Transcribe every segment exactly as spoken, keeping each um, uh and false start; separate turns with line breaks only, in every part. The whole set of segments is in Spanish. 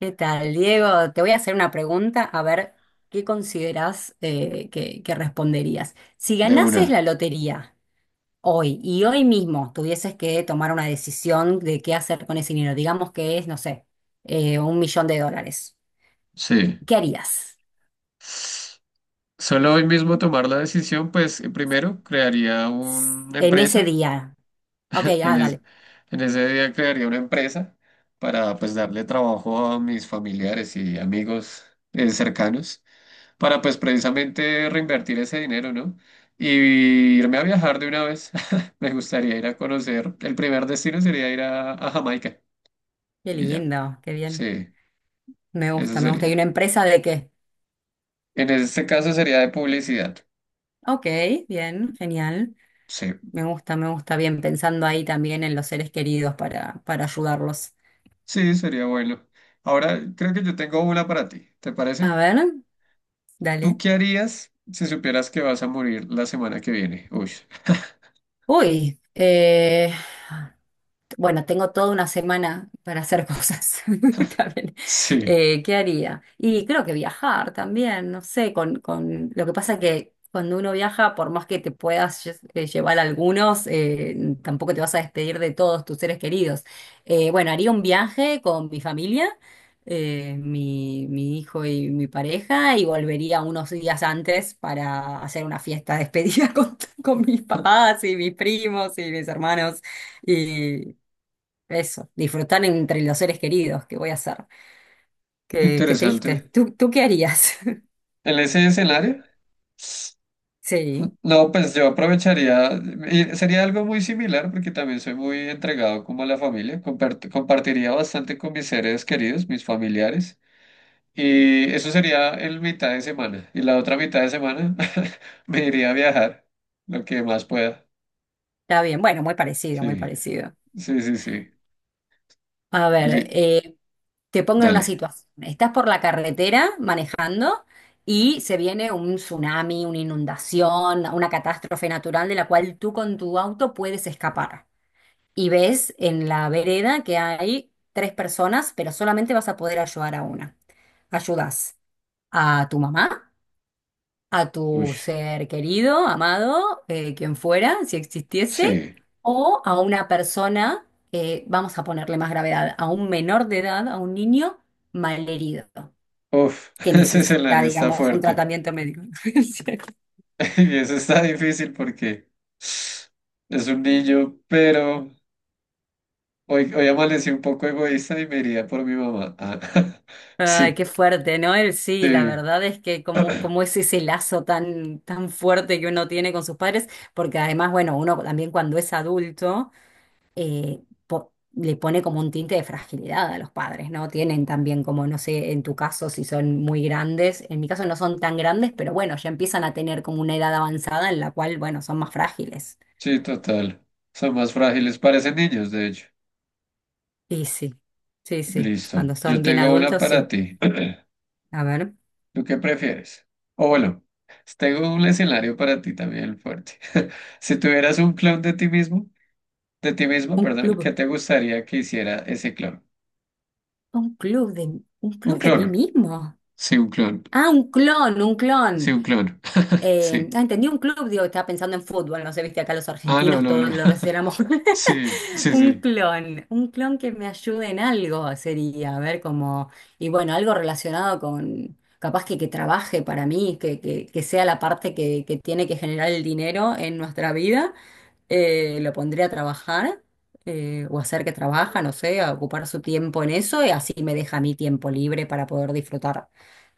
¿Qué tal, Diego? Te voy a hacer una pregunta, a ver qué consideras eh, que, que responderías. Si
De
ganases
una,
la lotería hoy y hoy mismo tuvieses que tomar una decisión de qué hacer con ese dinero, digamos que es, no sé, eh, un millón de dólares,
sí.
¿qué harías
Solo hoy mismo tomar la decisión, pues eh, primero crearía una
en ese
empresa,
día? Ok,
en,
ah,
es-
dale.
en ese día crearía una empresa para pues darle trabajo a mis familiares y amigos eh, cercanos, para pues precisamente reinvertir ese dinero, ¿no? Y irme a viajar de una vez. Me gustaría ir a conocer, el primer destino sería ir a, a Jamaica
Qué
y ya,
lindo, qué bien.
sí,
Me
eso
gusta, me gusta. ¿Y
sería.
una empresa de qué?
En este caso sería de publicidad,
Ok, bien, genial.
sí.
Me gusta, me gusta bien pensando ahí también en los seres queridos para, para ayudarlos.
Sí, sería bueno. Ahora creo que yo tengo una para ti, ¿te
A
parece?
ver,
¿Tú
dale.
qué harías si supieras que vas a morir la semana que viene? Uy,
Uy, eh, Bueno, tengo toda una semana para hacer cosas también.
sí,
Eh, ¿qué haría? Y creo que viajar también, no sé, con, con lo que pasa que cuando uno viaja, por más que te puedas lle- eh, llevar algunos, eh, tampoco te vas a despedir de todos tus seres queridos. Eh, bueno, haría un viaje con mi familia, eh, mi, mi hijo y mi pareja, y volvería unos días antes para hacer una fiesta de despedida con, con mis papás y mis primos y mis hermanos. Eso, disfrutar entre los seres queridos, ¿qué voy a hacer? Qué, qué triste.
interesante.
¿Tú, tú qué harías?
En ese escenario,
Sí,
no, pues yo aprovecharía, y sería algo muy similar porque también soy muy entregado como a la familia, compart- compartiría bastante con mis seres queridos, mis familiares, y eso sería en mitad de semana. Y la otra mitad de semana me iría a viajar, lo que más pueda.
está bien. Bueno, muy parecido, muy
Sí.
parecido.
Sí, sí, sí.
A ver,
Li-
eh, te pongo en una
dale.
situación. Estás por la carretera manejando y se viene un tsunami, una inundación, una catástrofe natural de la cual tú con tu auto puedes escapar. Y ves en la vereda que hay tres personas, pero solamente vas a poder ayudar a una. Ayudas a tu mamá, a
Uy,
tu ser querido, amado, eh, quien fuera, si existiese,
sí.
o a una persona, eh, vamos a ponerle más gravedad, a un menor de edad, a un niño malherido,
Uf,
que
ese
necesita,
escenario está
digamos, un
fuerte.
tratamiento médico.
Y eso está difícil porque es un niño, pero hoy, hoy amanecí un poco egoísta y me iría por mi mamá. Ah,
Ay,
sí,
qué fuerte, ¿no? Él sí, la
sí.
verdad es que como, como es ese lazo tan, tan fuerte que uno tiene con sus padres, porque además, bueno, uno también cuando es adulto eh, po- le pone como un tinte de fragilidad a los padres, ¿no? Tienen también como, no sé, en tu caso si son muy grandes, en mi caso no son tan grandes, pero bueno, ya empiezan a tener como una edad avanzada en la cual, bueno, son más frágiles.
Sí, total. Son más frágiles, parecen niños, de hecho.
Y sí, sí, sí,
Listo.
cuando
Yo
son bien
tengo una
adultos,
para
sí.
ti.
A ver,
¿Tú qué prefieres? O bueno, tengo un escenario para ti también fuerte. Si tuvieras un clon de ti mismo, de ti mismo,
un
perdón, ¿qué
club,
te gustaría que hiciera ese clon?
un club de, un
Un
club de
clon.
mí mismo.
Sí, un clon.
Ah, un clon, un
Sí,
clon.
un clon.
Eh,
Sí.
ah, entendí un club, digo, estaba pensando en fútbol, no sé, viste, acá los
Ah, no,
argentinos
no,
todos
no.
lo relacionamos.
Sí, sí,
Un
sí.
clon, un clon que me ayude en algo sería, a ver cómo, y bueno, algo relacionado con, capaz que, que trabaje para mí, que, que, que sea la parte que, que tiene que generar el dinero en nuestra vida, eh, lo pondría a trabajar, eh, o hacer que trabaja, no sé, a ocupar su tiempo en eso, y así me deja mi tiempo libre para poder disfrutar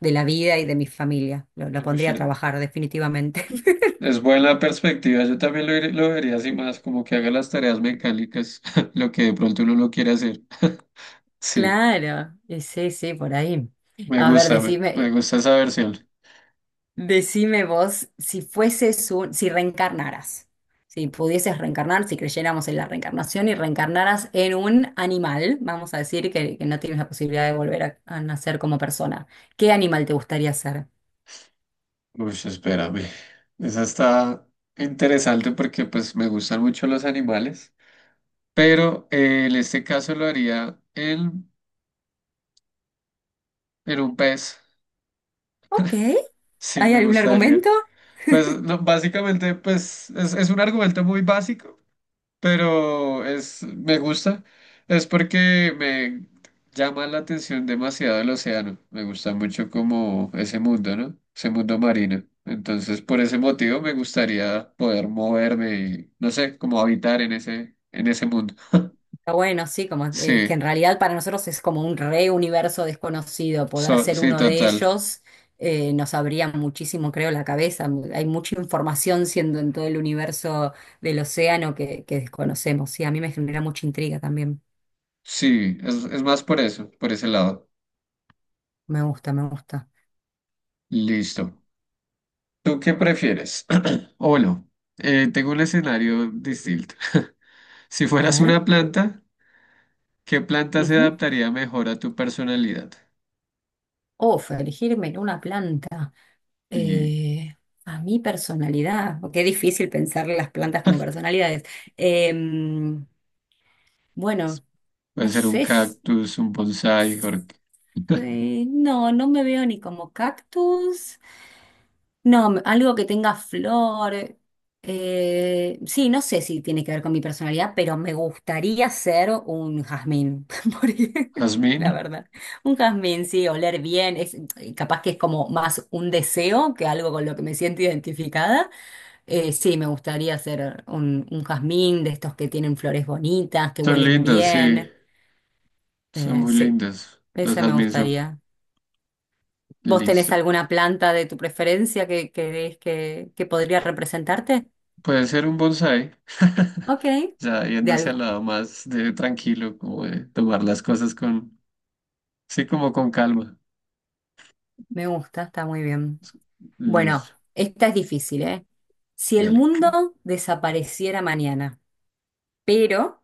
de la vida y de mi familia. Lo, lo
Ush,
pondría a trabajar, definitivamente.
es buena perspectiva. Yo también lo, ir- lo vería así más, como que haga las tareas mecánicas, lo que de pronto uno no quiere hacer. Sí,
Claro, y sí, sí, por ahí.
me
A ver,
gusta, me, me
decime.
gusta esa versión.
Decime vos, si fueses un, si reencarnaras, si pudieses reencarnar, si creyéramos en la reencarnación y reencarnaras en un animal, vamos a decir que, que no tienes la posibilidad de volver a, a nacer como persona, ¿qué animal te gustaría ser?
Uy, espérame. Esa está interesante porque pues me gustan mucho los animales, pero eh, en este caso lo haría en, en un pez.
Ok,
Sí,
¿hay
me
algún
gustaría.
argumento?
Pues lo- básicamente, pues es, es un argumento muy básico, pero es, me gusta. Es porque me llama la atención demasiado el océano. Me gusta mucho como ese mundo, ¿no? Ese mundo marino. Entonces, por ese motivo me gustaría poder moverme y, no sé, como habitar en ese, en ese mundo.
Está bueno, sí, como eh, que
Sí,
en realidad para nosotros es como un re universo desconocido. Poder
so-
ser
sí,
uno de
total.
ellos eh, nos abría muchísimo, creo, la cabeza. Hay mucha información siendo en todo el universo del océano que, que desconocemos. Sí, a mí me genera mucha intriga también.
Sí, es, es más por eso, por ese lado.
Me gusta, me gusta.
Listo. ¿Tú qué prefieres? O bueno, eh, tengo un escenario distinto. Si
A
fueras
ver.
una planta, ¿qué planta se
Ujú.
adaptaría mejor a tu personalidad?
Uf, elegirme en una planta.
Y
Eh, a mi personalidad. Oh, qué difícil pensar las plantas como personalidades. Em, bueno.
puede
No
ser un
sé.
cactus, un bonsái, or-
Eh, no, no me veo ni como cactus. No, me- algo que tenga flor. Eh, sí, no sé si tiene que ver con mi personalidad, pero me gustaría ser un jazmín, por ej- la
jazmín.
verdad. Un jazmín, sí, oler bien. Es, eh, capaz que es como más un deseo que algo con lo que me siento identificada. Eh, sí, me gustaría ser un, un jazmín de estos que tienen flores bonitas, que
Son
huelen
lindos, sí,
bien.
son
Eh,
muy
sí,
lindos. Los
ese me
jazmín son
gustaría. ¿Vos tenés
listos.
alguna planta de tu preferencia que crees que, que podría representarte?
Puede ser un bonsái,
Ok,
ya
de
yéndose
al-
al lado más de tranquilo, como de tomar las cosas con, sí, como con calma.
me gusta, está muy bien. Bueno,
Listo,
esta es difícil, ¿eh? Si el
dale.
mundo desapareciera mañana, pero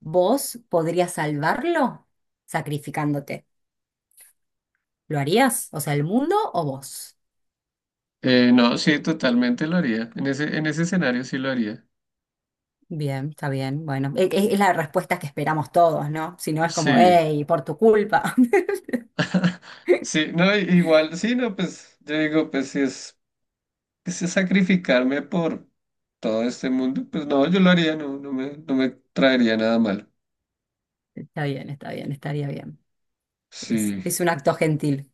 vos podrías salvarlo sacrificándote, ¿lo harías? O sea, ¿el mundo o vos?
Eh, no, sí, totalmente lo haría. En ese, en ese escenario sí lo haría.
Bien, está bien. Bueno, e- e- es, la respuesta que esperamos todos, ¿no? Si no es como,
Sí.
hey, por tu culpa.
Sí, no, i- igual, sí, no, pues yo digo, pues si es, si es sacrificarme por todo este mundo, pues no, yo lo haría, no, no me, no me traería nada malo.
Está bien, está bien, estaría bien. Es,
Sí,
es un acto gentil.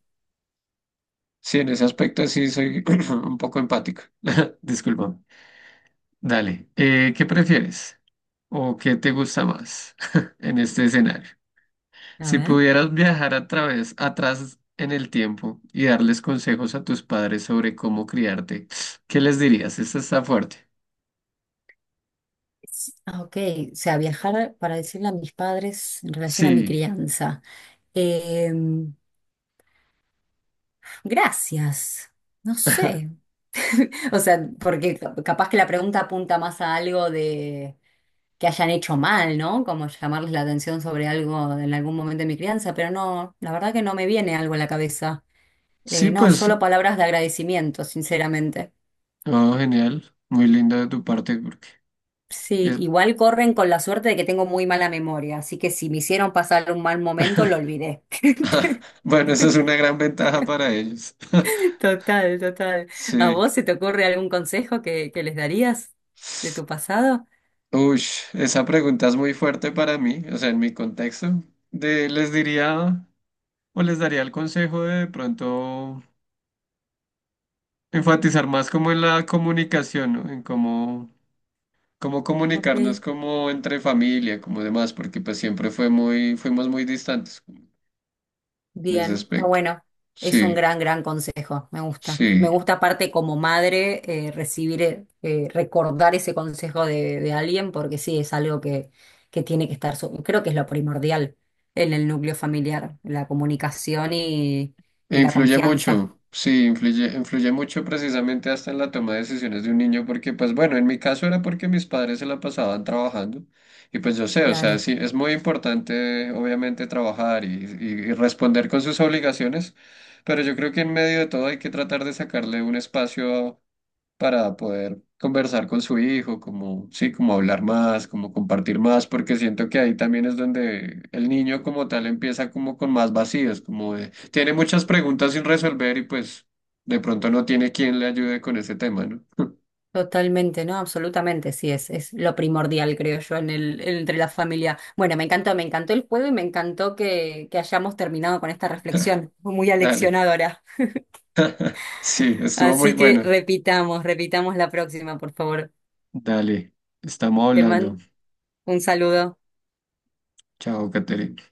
sí, en ese aspecto sí soy un poco empático. Disculpa. Dale, eh, ¿qué prefieres? ¿O qué te gusta más en este escenario?
A
Si
ver.
pudieras viajar a través, atrás en el tiempo y darles consejos a tus padres sobre cómo criarte, ¿qué les dirías? Esta está fuerte.
S- ah, Ok, o sea, viajar para decirle a mis padres en relación a mi
Sí,
crianza. Em, gracias. No sé. O sea, porque ca- capaz que la pregunta apunta más a algo de que hayan hecho mal, ¿no? Como llamarles la atención sobre algo en algún momento de mi crianza, pero no, la verdad que no me viene algo a la cabeza. Eh,
sí,
no,
pues,
solo palabras de agradecimiento, sinceramente.
oh, genial, muy lindo de tu parte porque
Sí,
es-
igual corren con la suerte de que tengo muy mala memoria, así que si me hicieron pasar un mal momento, lo olvidé.
bueno, esa es una gran ventaja para ellos.
Total, total. ¿A
Sí.
vos se te ocurre algún consejo que, que les darías de tu pasado?
Uy, esa pregunta es muy fuerte para mí, o sea, en mi contexto. De, les diría o les daría el consejo de, de pronto, enfatizar más como en la comunicación, ¿no? En cómo, cómo
Ok,
comunicarnos como entre familia, como demás, porque pues siempre fue muy, fuimos muy distantes en ese
bien, está
aspecto.
bueno. Es un
Sí,
gran, gran consejo, me gusta. Me
sí.
gusta aparte como madre eh, recibir, eh, eh, recordar ese consejo de, de alguien, porque sí, es algo que, que tiene que estar, su- creo que es lo primordial en el núcleo familiar, la comunicación y,
E
y la
influye mucho,
confianza.
sí, influye, influye mucho precisamente hasta en la toma de decisiones de un niño, porque pues bueno, en mi caso era porque mis padres se la pasaban trabajando y pues yo sé, o sea,
Claro.
sí, es muy importante obviamente trabajar y, y- y responder con sus obligaciones, pero yo creo que en medio de todo hay que tratar de sacarle un espacio para poder conversar con su hijo, como, sí, como hablar más, como compartir más, porque siento que ahí también es donde el niño como tal empieza como con más vacíos, como de, tiene muchas preguntas sin resolver y pues de pronto no tiene quien le ayude con ese tema, ¿no?
Totalmente, ¿no? Absolutamente, sí, es, es lo primordial, creo yo, en el, entre la familia. Bueno, me encantó, me encantó el juego y me encantó que, que hayamos terminado con esta reflexión. Fue muy
Dale,
aleccionadora.
sí, estuvo muy
Así que
bueno.
repitamos, repitamos la próxima, por favor.
Dale, estamos
Te
hablando.
mando un saludo.
Chao, Caterina.